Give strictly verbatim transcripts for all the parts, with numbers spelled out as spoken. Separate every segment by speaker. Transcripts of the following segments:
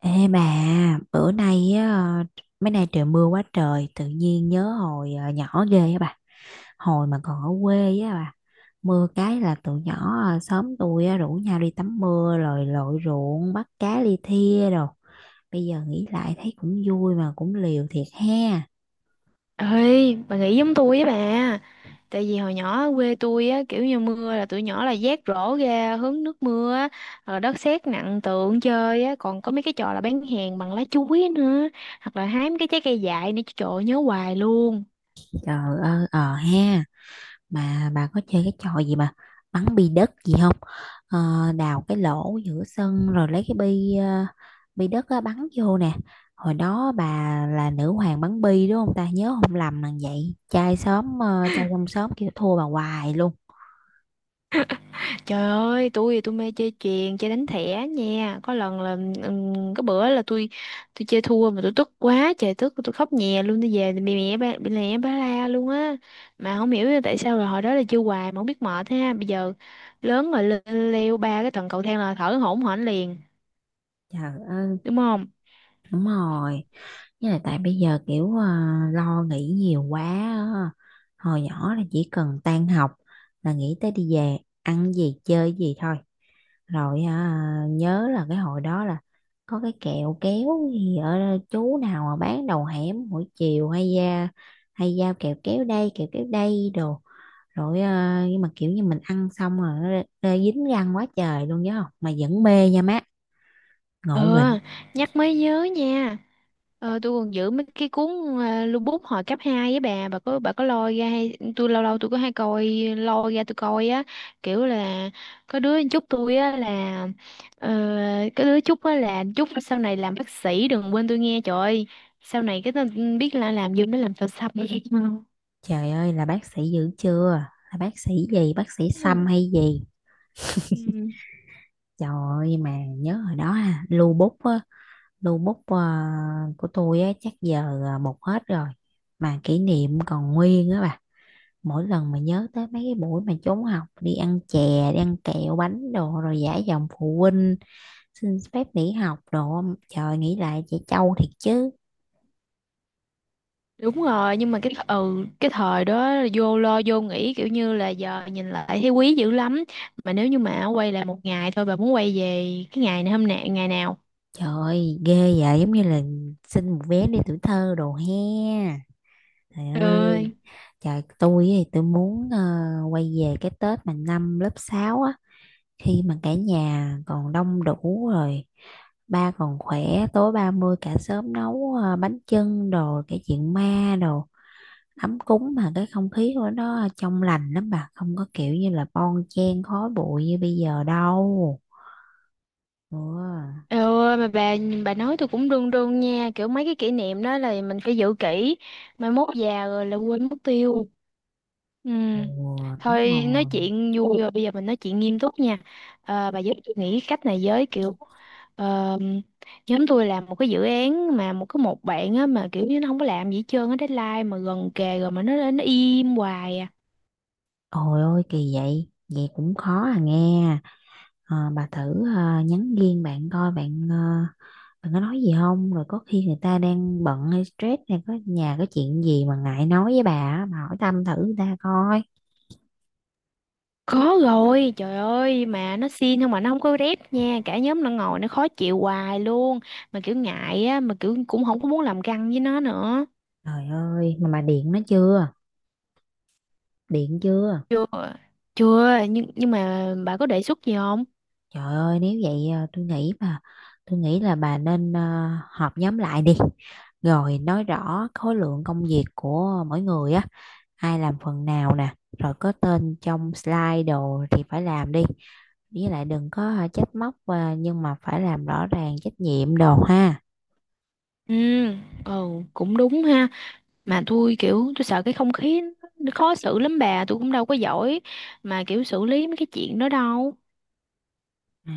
Speaker 1: Ê bà, bữa nay á, mấy nay trời mưa quá trời, tự nhiên nhớ hồi ờ, nhỏ ghê á bà. Hồi mà còn ở quê á bà, mưa cái là tụi nhỏ ờ, xóm tôi á, rủ nhau đi tắm mưa rồi lội ruộng bắt cá li thia rồi. Bây giờ nghĩ lại thấy cũng vui mà cũng liều thiệt ha.
Speaker 2: Ơi, bà nghĩ giống tôi với bà. Tại vì hồi nhỏ ở quê tôi á, kiểu như mưa là tụi nhỏ là vác rổ ra hứng nước mưa á, rồi đất sét nặng tượng chơi á, còn có mấy cái trò là bán hàng bằng lá chuối nữa, hoặc là hái mấy cái trái cây dại nữa, trời ơi, nhớ hoài luôn.
Speaker 1: Trời ơi, ờ ha. Mà bà có chơi cái trò gì mà bắn bi đất gì không? Ờ, đào cái lỗ giữa sân rồi lấy cái bi ờ, bi đất á, bắn vô nè. Hồi đó bà là nữ hoàng bắn bi đúng không, ta nhớ không lầm là vậy, trai xóm ờ, trai trong xóm kêu thua bà hoài luôn.
Speaker 2: Trời ơi, tôi thì tôi mê chơi chuyền, chơi đánh thẻ nha. Có lần là ừm, có bữa là tôi tôi chơi thua mà tôi tức quá, trời tức tôi khóc nhè luôn, tôi về thì bị mẹ ba bị mẹ ba la luôn á. Mà không hiểu tại sao là hồi đó là chơi hoài mà không biết mệt ha. Bây giờ lớn rồi le- leo ba cái tầng cầu thang là thở hổn hển liền,
Speaker 1: Trời ơi.
Speaker 2: đúng không?
Speaker 1: Đúng rồi. Với lại tại bây giờ kiểu ờ, lo nghĩ nhiều quá á. Hồi nhỏ là chỉ cần tan học là nghĩ tới đi về, ăn gì chơi gì thôi. Rồi à, nhớ là cái hồi đó là có cái kẹo kéo gì ở đó, chú nào mà bán đầu hẻm mỗi chiều hay ra hay giao kẹo kéo đây kẹo kéo đây đồ rồi à, nhưng mà kiểu như mình ăn xong rồi nó rê- rê dính răng quá trời luôn nhớ không, mà vẫn mê nha má, ngộ nghĩnh.
Speaker 2: Ờ, nhắc mới nhớ nha. Ờ, tôi còn giữ mấy cái cuốn uh, lưu bút hồi cấp hai với bà, bà có bà có lôi ra hay tôi lâu lâu tôi có hay coi lôi ra tôi coi á, kiểu là có đứa chúc tôi á là ờ, có đứa chúc á là chúc sau này làm bác sĩ đừng quên tôi nghe trời ơi. Sau này cái tên biết là làm gì nó làm sao xăm.
Speaker 1: Trời ơi là bác sĩ dữ chưa? Là bác sĩ gì? Bác sĩ Sâm hay gì?
Speaker 2: Ừ.
Speaker 1: Trời ơi mà nhớ hồi đó ha, lưu bút á, lưu bút à, của tôi á chắc giờ à, một hết rồi. Mà kỷ niệm còn nguyên á bà. Mỗi lần mà nhớ tới mấy cái buổi mà trốn học đi ăn chè, đi ăn kẹo bánh đồ rồi giả giọng phụ huynh xin phép nghỉ học đồ. Trời nghĩ lại trẻ trâu thiệt chứ.
Speaker 2: Đúng rồi, nhưng mà cái th- ừ cái thời đó vô lo vô nghĩ kiểu như là giờ nhìn lại thấy quý dữ lắm. Mà nếu như mà quay lại một ngày thôi bà muốn quay về cái ngày này hôm nay ngày nào?
Speaker 1: Trời ơi, ghê vậy, giống như là xin một vé đi tuổi thơ đồ he. Trời ơi,
Speaker 2: Ừ,
Speaker 1: trời tôi thì tôi muốn ờ, quay về cái Tết mà năm lớp sáu á, khi mà cả nhà còn đông đủ rồi, ba còn khỏe, tối ba mươi cả xóm nấu ờ, bánh chưng đồ, cái chuyện ma đồ, ấm cúng mà cái không khí của nó trong lành lắm bà, không có kiểu như là bon chen khói bụi như bây giờ đâu. Ừ,
Speaker 2: trời ơi mà bà bà nói tôi cũng run run nha kiểu mấy cái kỷ niệm đó là mình phải giữ kỹ mai mốt già rồi là quên mất tiêu ừ.
Speaker 1: ừ, đúng
Speaker 2: Thôi nói
Speaker 1: rồi.
Speaker 2: chuyện vui rồi bây giờ mình nói chuyện nghiêm túc nha. Ờ, bà giúp tôi nghĩ cách này với kiểu ờ, nhóm tôi làm một cái dự án mà một cái một bạn á mà kiểu như nó không có làm gì hết trơn á, deadline mà gần kề rồi mà nó nó im hoài à.
Speaker 1: Ôi ôi kỳ vậy, vậy cũng khó à nghe. Ờ, bà thử ờ, nhắn riêng bạn coi bạn ờ, bạn có nói gì không, rồi có khi người ta đang bận hay stress hay có nhà có chuyện gì mà ngại nói với bà á, bà hỏi thăm thử người ta coi.
Speaker 2: Có rồi, trời ơi, mà nó xin nhưng mà nó không có rep nha, cả nhóm nó ngồi nó khó chịu hoài luôn, mà kiểu ngại á, mà kiểu cũng không có muốn làm găng với nó nữa.
Speaker 1: Trời ơi mà bà điện nó chưa, điện chưa?
Speaker 2: Chưa, chưa, nhưng nhưng mà bà có đề xuất gì không?
Speaker 1: Trời ơi nếu vậy ờ, tôi nghĩ mà tôi nghĩ là bà nên ờ, họp nhóm lại đi, rồi nói rõ khối lượng công việc của mỗi người á, ai làm phần nào nè rồi có tên trong slide đồ thì phải làm đi, với lại đừng có à, trách móc và nhưng mà phải làm rõ ràng trách nhiệm đồ ha.
Speaker 2: Ừ, ừ, cũng đúng ha, mà tôi kiểu tôi sợ cái không khí nó khó xử lắm bà, tôi cũng đâu có giỏi mà kiểu xử lý mấy cái chuyện đó đâu.
Speaker 1: À,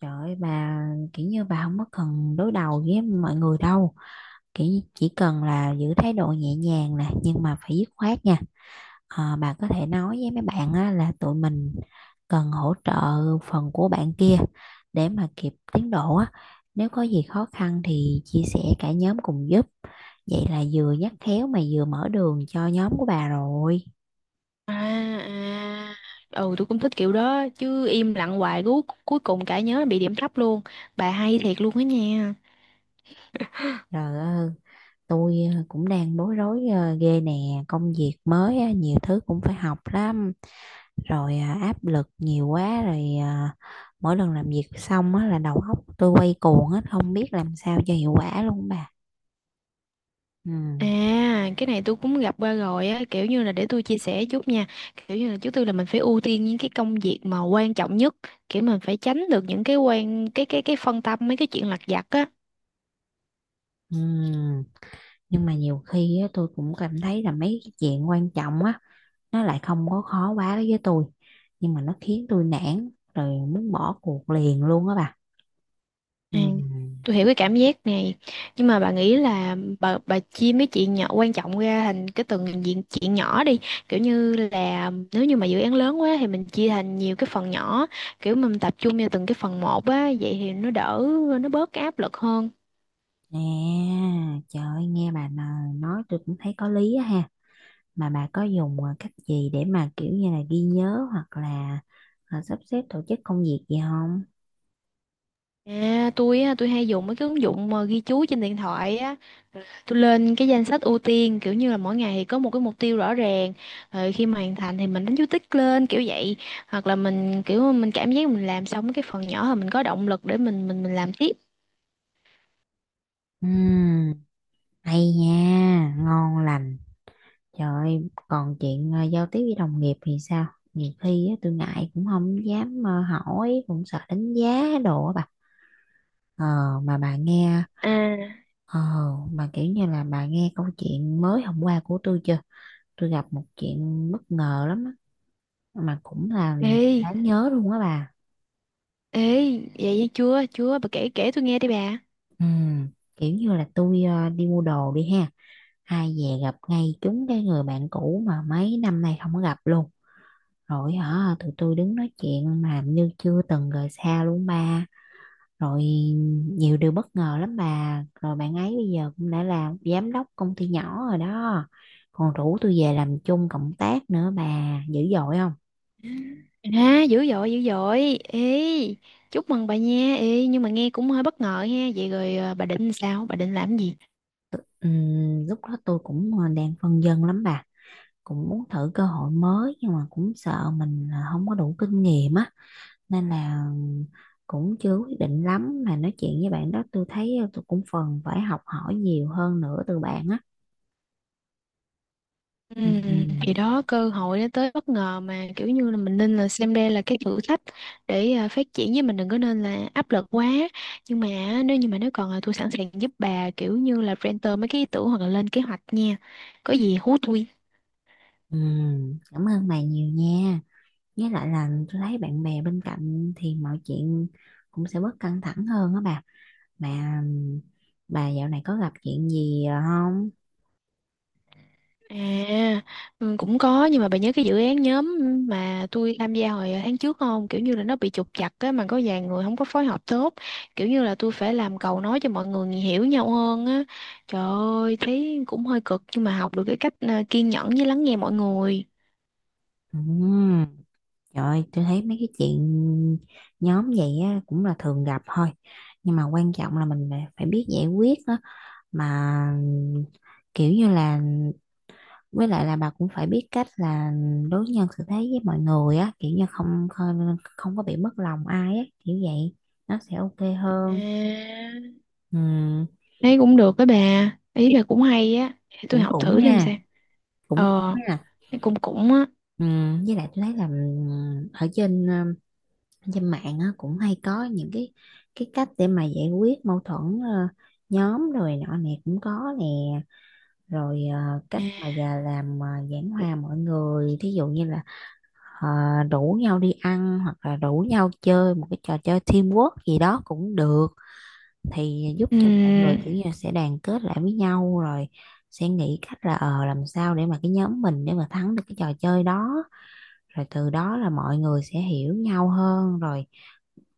Speaker 1: trời ơi bà, kiểu như bà không có cần đối đầu với mọi người đâu, kiểu chỉ cần là giữ thái độ nhẹ nhàng nè nhưng mà phải dứt khoát nha. Ờ, bà có thể nói với mấy bạn á, là tụi mình cần hỗ trợ phần của bạn kia để mà kịp tiến độ á, nếu có gì khó khăn thì chia sẻ cả nhóm cùng giúp, vậy là vừa nhắc khéo mà vừa mở đường cho nhóm của bà rồi.
Speaker 2: À, à. Ừ, tôi cũng thích kiểu đó chứ im lặng hoài cuối cuối cùng cả nhóm bị điểm thấp luôn. Bà hay thiệt luôn á nha.
Speaker 1: Rồi. Tôi ờ, cũng đang bối rối ờ, ghê nè, công việc mới á, nhiều thứ cũng phải học lắm, rồi ờ, áp lực nhiều quá rồi ờ, mỗi lần làm việc xong á, là đầu óc tôi quay cuồng hết không biết làm sao cho hiệu quả luôn bà. Ừ.
Speaker 2: À, cái này tôi cũng gặp qua rồi á, kiểu như là để tôi chia sẻ chút nha. Kiểu như là trước tiên là mình phải ưu tiên những cái công việc mà quan trọng nhất, kiểu mình phải tránh được những cái quan cái cái cái phân tâm mấy cái chuyện lặt vặt á.
Speaker 1: Ừ. Nhưng mà nhiều khi á, tôi cũng cảm thấy là mấy cái chuyện quan trọng á nó lại không có khó quá đối với tôi, nhưng mà nó khiến tôi nản rồi muốn bỏ cuộc liền luôn á bà. Ừ.
Speaker 2: Ừ. Tôi hiểu cái cảm giác này. Nhưng mà bà nghĩ là bà bà chia mấy chuyện nhỏ quan trọng ra thành cái từng diện chuyện nhỏ đi. Kiểu như là nếu như mà dự án lớn quá thì mình chia thành nhiều cái phần nhỏ, kiểu mình tập trung vào từng cái phần một á, vậy thì nó đỡ nó bớt cái áp lực hơn.
Speaker 1: À, trời ơi, nghe bà nà- nói tôi cũng thấy có lý á ha. Mà bà có dùng à, cách gì để mà kiểu như là ghi nhớ hoặc là à, sắp xếp tổ chức công việc gì không?
Speaker 2: À, tôi á, tôi hay dùng mấy cái ứng dụng mà ghi chú trên điện thoại á, tôi lên cái danh sách ưu tiên kiểu như là mỗi ngày thì có một cái mục tiêu rõ ràng, rồi khi mà hoàn thành thì mình đánh dấu tích lên kiểu vậy, hoặc là mình kiểu mình cảm giác mình làm xong cái phần nhỏ thì mình có động lực để mình mình mình làm tiếp.
Speaker 1: Ừm, hay nha, ngon lành. Trời ơi, còn chuyện à, giao tiếp với đồng nghiệp thì sao? Nhiều khi á, tôi ngại cũng không dám à, hỏi, cũng sợ đánh giá đồ á bà. Ờ, mà bà nghe,
Speaker 2: À,
Speaker 1: ờ, mà kiểu như là bà nghe câu chuyện mới hôm qua của tôi chưa? Tôi gặp một chuyện bất ngờ lắm á mà cũng là
Speaker 2: ê,
Speaker 1: đáng nhớ luôn á bà.
Speaker 2: ê, vậy chưa, chưa, bà kể kể tôi nghe đi bà.
Speaker 1: Ừ, kiểu như là tôi ờ, đi mua đồ đi ha, ai về gặp ngay trúng cái người bạn cũ mà mấy năm nay không có gặp luôn, rồi hả tụi tôi đứng nói chuyện mà như chưa từng rời xa luôn ba. Rồi nhiều điều bất ngờ lắm bà, rồi bạn ấy bây giờ cũng đã làm giám đốc công ty nhỏ rồi đó, còn rủ tôi về làm chung cộng tác nữa, bà dữ dội không?
Speaker 2: À, dữ dội, dữ dội, ê, chúc mừng bà nha, ê, nhưng mà nghe cũng hơi bất ngờ ha, vậy rồi à, bà định sao, bà định làm gì?
Speaker 1: Ừm, lúc đó tôi cũng à, đang phân vân lắm bà, cũng muốn thử cơ hội mới nhưng mà cũng sợ mình à, không có đủ kinh nghiệm á nên là cũng chưa quyết định lắm, mà nói chuyện với bạn đó tôi thấy à, tôi cũng phần phải học hỏi nhiều hơn nữa từ bạn á.
Speaker 2: Ừ,
Speaker 1: Ừm,
Speaker 2: thì đó cơ hội nó tới bất ngờ mà kiểu như là mình nên là xem đây là cái thử thách để à, phát triển với mình đừng có nên là áp lực quá, nhưng mà á, nếu như mà nếu còn là tôi sẵn sàng giúp bà kiểu như là renter mấy cái ý tưởng hoặc là lên kế hoạch nha, có gì hú tôi.
Speaker 1: ừm, cảm ơn bà nhiều nha, với lại là tôi thấy bạn bè bên cạnh thì mọi chuyện cũng sẽ bớt căng thẳng hơn á bà. Mà ừm, bà dạo này có gặp chuyện gì à, không?
Speaker 2: À, ừ, cũng có nhưng mà bà nhớ cái dự án nhóm mà tôi tham gia hồi tháng trước không? Kiểu như là nó bị trục trặc á mà có vài người không có phối hợp tốt. Kiểu như là tôi phải làm cầu nói cho mọi người hiểu nhau hơn á. Trời ơi, thấy cũng hơi cực nhưng mà học được cái cách à, kiên nhẫn với lắng nghe mọi người.
Speaker 1: Ừm. Trời ơi, tôi thấy mấy cái chuyện nhóm vậy á, cũng là thường gặp thôi. Nhưng mà quan trọng là mình phải phải biết giải quyết đó. Mà kiểu như là với lại là bà cũng phải biết cách là đối nhân xử thế với mọi người á, kiểu như không không, không có bị mất lòng ai á, kiểu vậy. Nó sẽ ok hơn.
Speaker 2: À,
Speaker 1: Ừ,
Speaker 2: thấy cũng được đó bà. Ý là cũng hay á. Để tôi
Speaker 1: cũng
Speaker 2: học
Speaker 1: cũng
Speaker 2: thử xem
Speaker 1: ha,
Speaker 2: sao.
Speaker 1: cũng cũng
Speaker 2: Ờ,
Speaker 1: ha.
Speaker 2: thấy cũng cũng á.
Speaker 1: Ừ, với lại tôi thấy là ừ, ở trên trên mạng á, cũng hay có những cái cái cách để mà giải quyết mâu thuẫn ờ, nhóm rồi nọ nè cũng có nè, rồi ờ, cách mà già làm mà giảng hòa mọi người, thí dụ như là ờ, rủ nhau đi ăn hoặc là rủ nhau chơi một cái trò chơi teamwork gì đó cũng được, thì giúp
Speaker 2: Ừ,
Speaker 1: cho mọi người kiểu như là sẽ đoàn kết lại với nhau rồi sẽ nghĩ cách là ờ làm sao để mà cái nhóm mình để mà thắng được cái trò chơi đó, rồi từ đó là mọi người sẽ hiểu nhau hơn rồi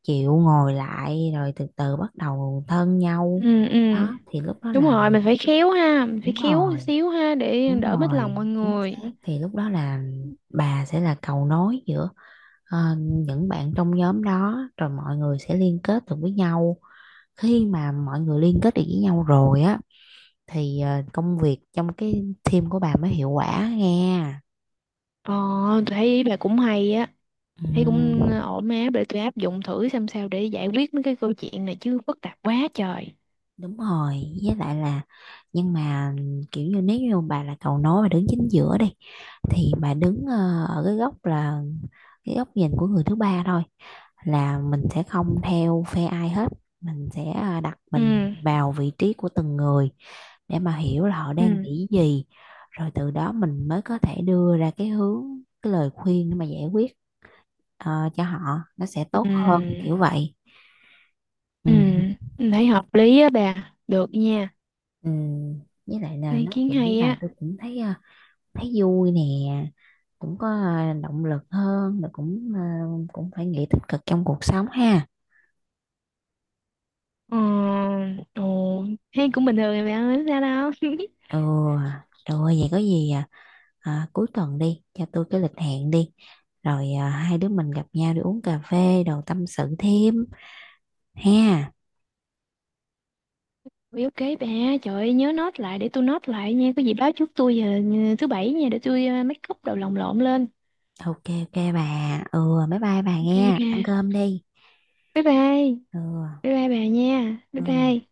Speaker 1: chịu ngồi lại rồi từ từ bắt đầu thân nhau.
Speaker 2: ừ, ừ.
Speaker 1: Đó thì lúc đó
Speaker 2: Đúng
Speaker 1: là
Speaker 2: rồi, mình phải khéo ha, mình phải
Speaker 1: đúng
Speaker 2: khéo
Speaker 1: rồi,
Speaker 2: xíu ha để
Speaker 1: đúng
Speaker 2: đỡ mất lòng
Speaker 1: rồi
Speaker 2: mọi
Speaker 1: chính
Speaker 2: người.
Speaker 1: xác, thì lúc đó là bà sẽ là cầu nối giữa ờ, những bạn trong nhóm đó rồi mọi người sẽ liên kết được với nhau, khi mà mọi người liên kết được với nhau rồi á thì ờ, công việc trong cái team của bà mới hiệu quả nghe.
Speaker 2: Ờ, tôi thấy ý bà cũng hay á, thấy cũng
Speaker 1: Ừ.
Speaker 2: ổn áp để tôi áp dụng thử xem sao để giải quyết mấy cái câu chuyện này chứ phức tạp quá trời.
Speaker 1: Đúng rồi, với lại là nhưng mà kiểu như nếu như bà là cầu nối và đứng chính giữa đi thì bà đứng ờ, ở cái góc là cái góc nhìn của người thứ ba thôi, là mình sẽ không theo phe ai hết, mình sẽ ờ, đặt mình
Speaker 2: Ừ,
Speaker 1: vào vị trí của từng người để mà hiểu là họ đang
Speaker 2: ừ,
Speaker 1: nghĩ gì, rồi từ đó mình mới có thể đưa ra cái hướng cái lời khuyên để mà giải quyết ờ, cho họ, nó sẽ tốt hơn
Speaker 2: ừ,
Speaker 1: kiểu vậy. Ừ.
Speaker 2: ừ, mình thấy hợp lý á bà, được nha,
Speaker 1: Ừ, với lại là
Speaker 2: ý
Speaker 1: nói
Speaker 2: kiến
Speaker 1: chuyện với
Speaker 2: hay
Speaker 1: bà
Speaker 2: á.
Speaker 1: tôi cũng thấy ờ, thấy vui nè, cũng có ờ, động lực hơn rồi cũng ờ, cũng phải nghĩ tích cực trong cuộc sống ha.
Speaker 2: Ờ, ồ, thấy cũng bình thường mà bà, không sao đâu.
Speaker 1: Ừ, rồi vậy có gì à, à, cuối tuần đi cho tôi cái lịch hẹn đi, rồi à, hai đứa mình gặp nhau đi uống cà phê đồ tâm sự thêm ha.
Speaker 2: Ui, ok bà, trời ơi, nhớ note lại để tôi note lại nha, có gì báo trước tôi giờ thứ bảy nha để tôi ờ, make up đầu lòng lộn lên.
Speaker 1: Ok ok bà. Ừ bye bye bà
Speaker 2: Ok
Speaker 1: nghe,
Speaker 2: bà.
Speaker 1: ăn cơm đi.
Speaker 2: Bye bye.
Speaker 1: Ừ,
Speaker 2: Bye bye bà nha. Bye bye.
Speaker 1: ừ.